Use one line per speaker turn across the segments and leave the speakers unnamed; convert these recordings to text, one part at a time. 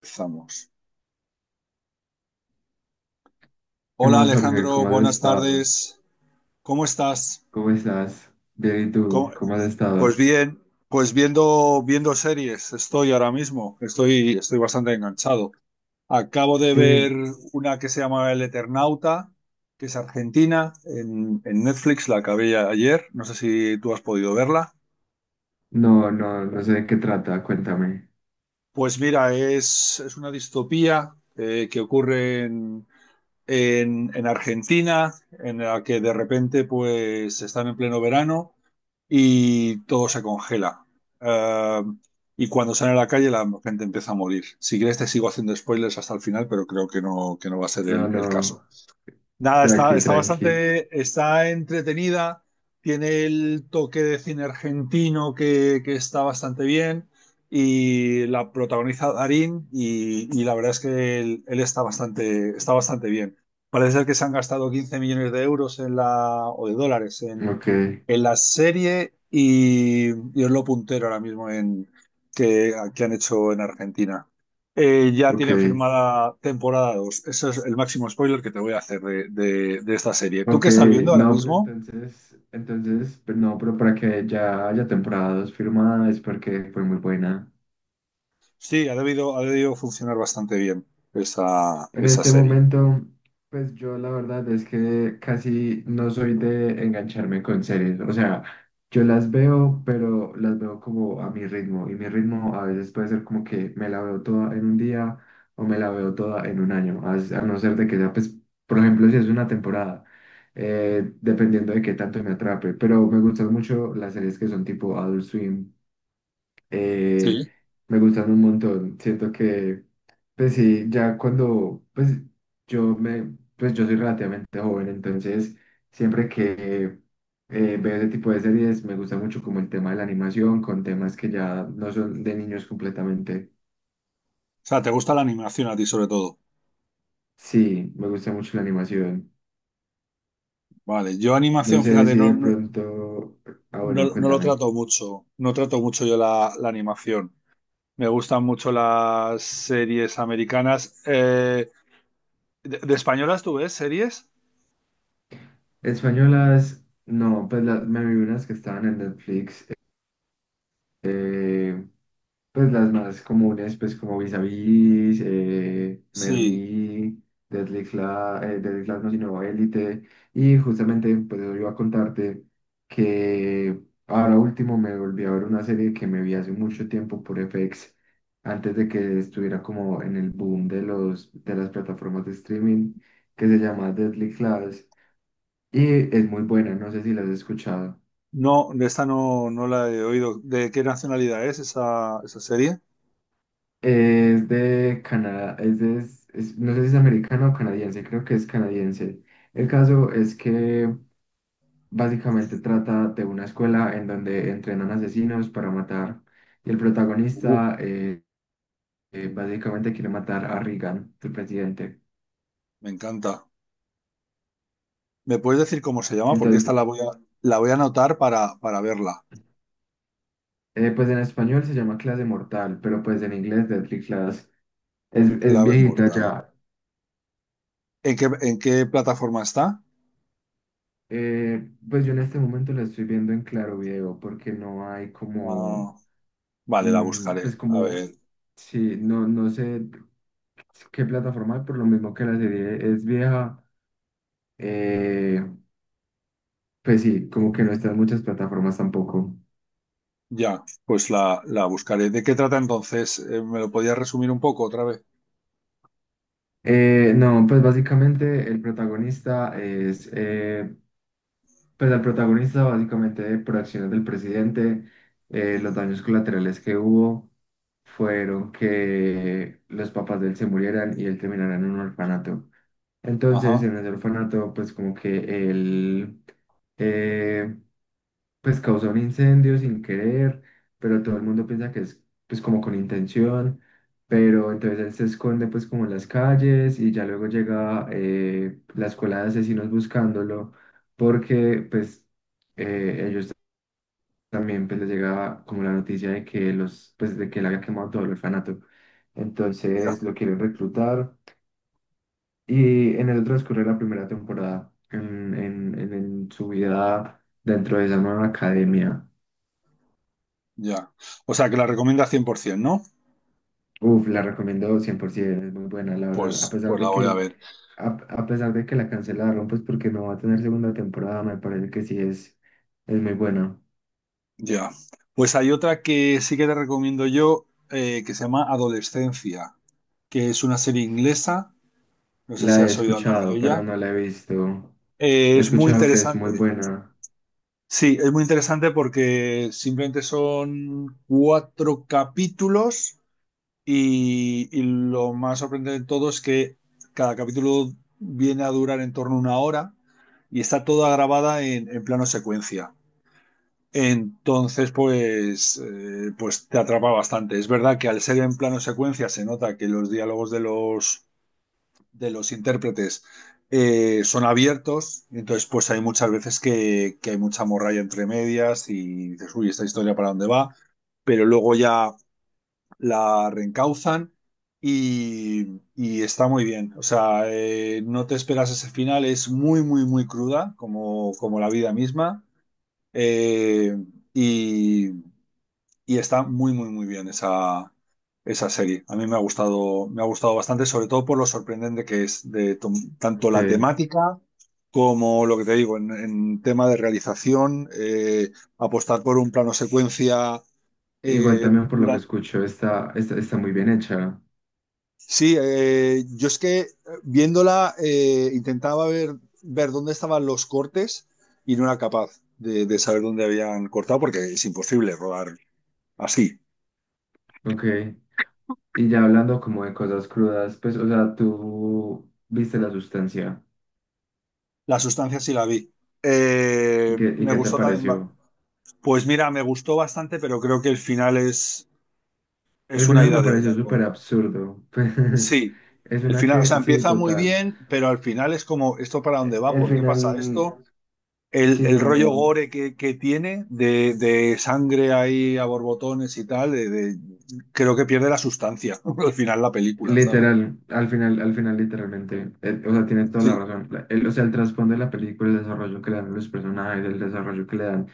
Empezamos.
¿Qué
Hola
más, Jorge?
Alejandro,
¿Cómo has
buenas
estado?
tardes. ¿Cómo estás?
¿Cómo estás? Bien, ¿y
¿Cómo-
tú? ¿Cómo has
Pues
estado?
bien, pues viendo series estoy ahora mismo. Estoy bastante enganchado. Acabo de ver
Sí,
una que se llama El Eternauta, que es argentina, en Netflix, la acabé ya ayer. No sé si tú has podido verla.
no, no, no sé de qué trata, cuéntame.
Pues mira, es una distopía que ocurre en Argentina, en la que de repente pues están en pleno verano y todo se congela. Eh, y cuando salen a la calle la gente empieza a morir. Si quieres te sigo haciendo spoilers hasta el final, pero creo que no va a ser
No,
el caso.
no,
Nada,
tranqui, tranqui.
está entretenida, tiene el toque de cine argentino que está bastante bien y la protagoniza Darín y la verdad es que él está bastante bien. Parece ser que se han gastado 15 millones de euros en la, o de dólares en,
Ok,
en la serie y es lo puntero ahora mismo que han hecho en Argentina. Ya
ok,
tienen firmada temporada 2. Ese es el máximo spoiler que te voy a hacer de esta serie. ¿Tú
ok.
qué estás viendo ahora
No, pero
mismo?
entonces, pero no, pero para que ya haya temporada dos firmada es porque fue muy buena.
Sí, ha debido funcionar bastante bien esa,
En
esa
este
serie.
momento, pues yo la verdad es que casi no soy de engancharme con series. O sea, yo las veo, pero las veo como a mi ritmo. Y mi ritmo a veces puede ser como que me la veo toda en un día o me la veo toda en un año. A no ser de que sea, pues, por ejemplo, si es una temporada, dependiendo de qué tanto me atrape. Pero me gustan mucho las series que son tipo Adult Swim, eh,
Sí.
me gustan un montón. Siento que, pues sí, ya cuando, pues yo me, pues yo soy relativamente joven, entonces siempre que veo ese tipo de series me gusta mucho como el tema de la animación con temas que ya no son de niños completamente.
O sea, ¿te gusta la animación a ti sobre todo?
Sí, me gusta mucho la animación.
Vale, yo
No
animación,
sé
fíjate,
si de pronto, ah bueno,
no lo
cuéntame.
trato mucho. No trato mucho yo la animación. Me gustan mucho las series americanas. De españolas tú ves series?
Españolas, no, pues la- me vi unas que estaban en Netflix. eh, Pues las más comunes, pues como Vis a Vis,
Sí.
Merlí, Deadly Class, Deadly Class no, sino Élite. Y justamente, pues yo iba a contarte que ahora último me volví a ver una serie que me vi hace mucho tiempo por FX, antes de que estuviera como en el boom de las plataformas de streaming, que se llama Deadly Class. Y es muy buena, no sé si la has escuchado.
No, de esta no, no la he oído. ¿De qué nacionalidad es esa serie?
Es de Canadá, es de, es- no sé si es americano o canadiense, creo que es canadiense. El caso es que básicamente trata de una escuela en donde entrenan asesinos para matar y el
Uh,
protagonista básicamente quiere matar a Reagan, el presidente.
Me encanta. ¿Me puedes decir cómo se llama? Porque esta
Entonces,
la voy a anotar para verla.
pues en español se llama Clase Mortal, pero pues en inglés Deadly Class. Es
Clave
viejita
Mortal.
ya.
¿En qué plataforma está?
Pues yo en este momento la estoy viendo en Claro Video porque no hay como
Ah, vale, la
mm, pues
buscaré. A
como,
ver,
sí, no, no sé qué plataforma, hay, por lo mismo que la serie es vieja, eh, pues sí, como que no están muchas plataformas tampoco.
ya, pues la buscaré. ¿De qué trata entonces? ¿Me lo podías resumir un poco otra vez?
No, pues básicamente el protagonista es, pues al protagonista básicamente por acciones del presidente, los daños colaterales que hubo fueron que los papás de él se murieran y él terminara en un orfanato. Entonces,
Ajá,
en ese orfanato, pues como que él, eh, pues causó un incendio sin querer, pero todo el mundo piensa que es pues como con intención, pero entonces él se esconde pues como en las calles y ya luego llega, la escuela de asesinos buscándolo porque pues ellos también pues les llega como la noticia de que los, pues de que él había quemado todo el orfanato.
ya,
Entonces lo quieren reclutar. Y en el transcurrir de la primera temporada, en su vida dentro de esa nueva academia,
ya. O sea, que la recomienda 100%, ¿no?
uf, la recomiendo 100%, es muy buena, la verdad. A
Pues,
pesar
pues la
de
voy a
que,
ver.
a pesar de que la cancelaron, pues porque no va a tener segunda temporada, me parece que sí es muy buena.
Ya. Pues hay otra que sí que te recomiendo yo, que se llama Adolescencia, que es una serie inglesa. No sé si
La he
has oído hablar de
escuchado, pero
ella.
no la he visto. He
Es muy
escuchado que es muy
interesante.
buena.
Sí, es muy interesante porque simplemente son cuatro capítulos y lo más sorprendente de todo es que cada capítulo viene a durar en torno a una hora y está toda grabada en plano secuencia. Entonces, pues te atrapa bastante. Es verdad que al ser en plano secuencia se nota que los diálogos de los intérpretes son abiertos. Entonces pues hay muchas veces que hay mucha morralla entre medias y dices, uy, esta historia para dónde va, pero luego ya la reencauzan y está muy bien. O sea, no te esperas ese final, es muy, muy, muy cruda, como, como la vida misma. Eh, y, y está muy, muy, muy bien esa serie. A mí me ha gustado bastante, sobre todo por lo sorprendente que es tanto la
Ok.
temática como lo que te digo, en tema de realización, apostar por un plano secuencia
Igual también por lo que
durante...
escucho, está, está, está muy bien hecha.
Sí, yo es que viéndola intentaba ver dónde estaban los cortes y no era capaz de saber dónde habían cortado porque es imposible rodar así.
Ok. Y ya hablando como de cosas crudas, pues, o sea, tú viste la sustancia
La sustancia sí la vi.
y
Me
qué te
gustó también.
pareció.
Pues mira, me gustó bastante, pero creo que el final es
El
una
final
ida
me
de
pareció
olla.
súper absurdo. Pues,
Sí,
es
el
una
final, o
que,
sea,
sí,
empieza muy
total.
bien, pero al final es como, ¿esto para dónde va?
El
¿Por qué pasa
final,
esto? El,
sí,
el
no,
rollo
no.
gore que tiene de sangre ahí a borbotones y tal, creo que pierde la sustancia al final la película, ¿sabes?
Literal, al final, literalmente, o sea, tienes toda la
Sí,
razón. La- el- o sea, el trasfondo de la película, el desarrollo que le dan a los personajes, el desarrollo que le dan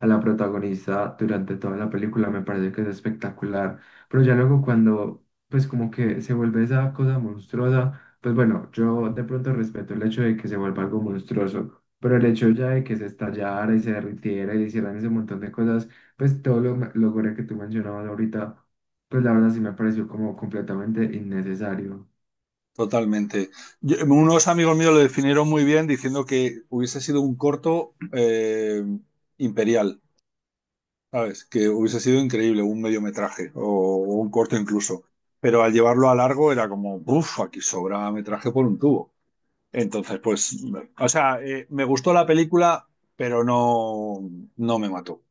a la protagonista durante toda la película, me parece que es espectacular. Pero ya luego cuando, pues como que se vuelve esa cosa monstruosa, pues bueno, yo de pronto respeto el hecho de que se vuelva algo monstruoso, pero el hecho ya de que se estallara y se derritiera y hicieran ese montón de cosas. Pues todo lo gore que tú mencionabas ahorita, pues la verdad sí me pareció como completamente innecesario.
totalmente. Unos amigos míos lo definieron muy bien diciendo que hubiese sido un corto imperial, ¿sabes? Que hubiese sido increíble, un mediometraje o un corto incluso. Pero al llevarlo a largo era como, uff, aquí sobra metraje por un tubo. Entonces, pues, o
Ok,
sea, me gustó la película, pero no, no me mató.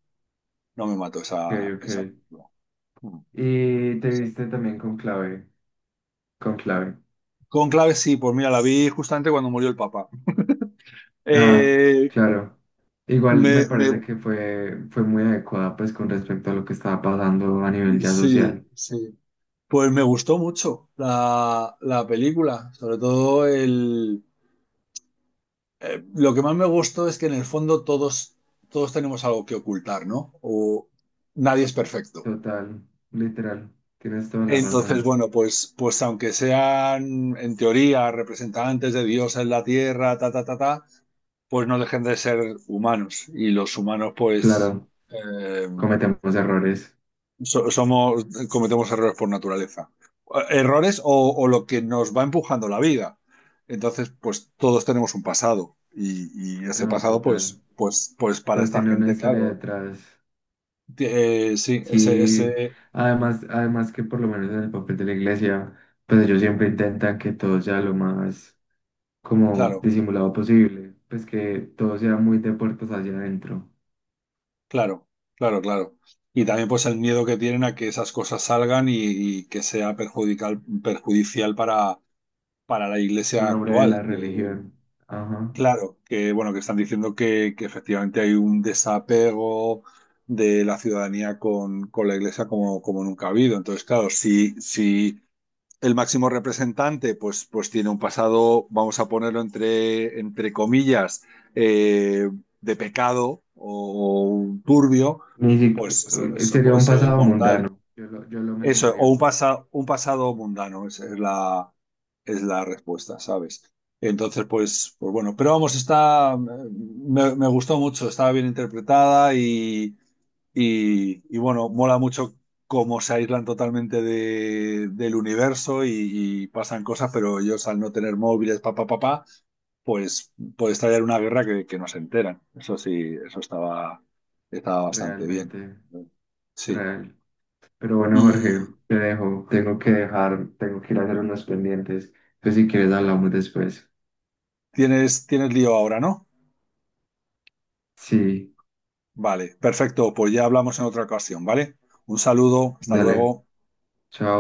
No me mató esa,
ok.
esa película. Mm,
Y
o
te
sea.
viste también con clave, con clave.
Cónclave sí, pues mira, la vi justamente cuando murió el Papa.
Ah,
Eh,
claro. Igual
me,
me
me
parece que fue, fue muy adecuada pues con respecto a lo que estaba pasando a nivel ya
Sí,
social.
sí. Pues me gustó mucho la película, sobre todo el... lo que más me gustó es que en el fondo todos tenemos algo que ocultar, ¿no? O nadie es perfecto.
Total, literal. Tienes toda la
Entonces,
razón.
bueno, pues aunque sean en teoría representantes de Dios en la tierra, ta, ta, ta, ta, pues no dejen de ser humanos. Y los humanos,
Claro,
eh,
cometemos errores.
Somos, cometemos errores por naturaleza. Errores o lo que nos va empujando la vida. Entonces, pues todos tenemos un pasado. Y ese
No,
pasado, pues,
total.
pues, pues para
Entonces
esta
tiene una
gente,
historia
claro.
detrás.
Sí,
Sí, además, además que por lo menos en el papel de la iglesia, pues ellos siempre intentan que todo sea lo más como
claro,
disimulado posible, pues que todo sea muy de puertas hacia adentro,
claro, claro, claro. Y también, pues, el miedo que tienen a que esas cosas salgan y que sea perjudicial para la
en
iglesia
nombre de
actual.
la
Que
religión. Ajá.
Claro, que bueno, que están diciendo que efectivamente hay un desapego de la ciudadanía con la iglesia como, como nunca ha habido. Entonces, claro, si el máximo representante pues tiene un pasado, vamos a ponerlo entre comillas, eh, de pecado o, turbio,
Ni
pues eso,
si-
eso
sería
puede
un
ser
pasado
mortal.
mundano, yo lo
Eso,
mencionaría
o
como
un pasado mundano, esa es es la respuesta, ¿sabes? Entonces, pues bueno, pero vamos, me gustó mucho, estaba bien interpretada y bueno, mola mucho cómo se aíslan totalmente del universo y pasan cosas, pero ellos al no tener móviles, papá papá, pa, pa, pa, pues puede estallar una guerra que no se enteran. Eso sí, estaba bastante bien.
realmente
Sí.
real. Pero bueno, Jorge,
Y,
te dejo, tengo que dejar, tengo que ir a hacer unos pendientes, entonces si quieres hablamos después.
tienes lío ahora, ¿no?
Sí,
Vale, perfecto, pues ya hablamos en otra ocasión, ¿vale? Un saludo, hasta
dale,
luego.
chao.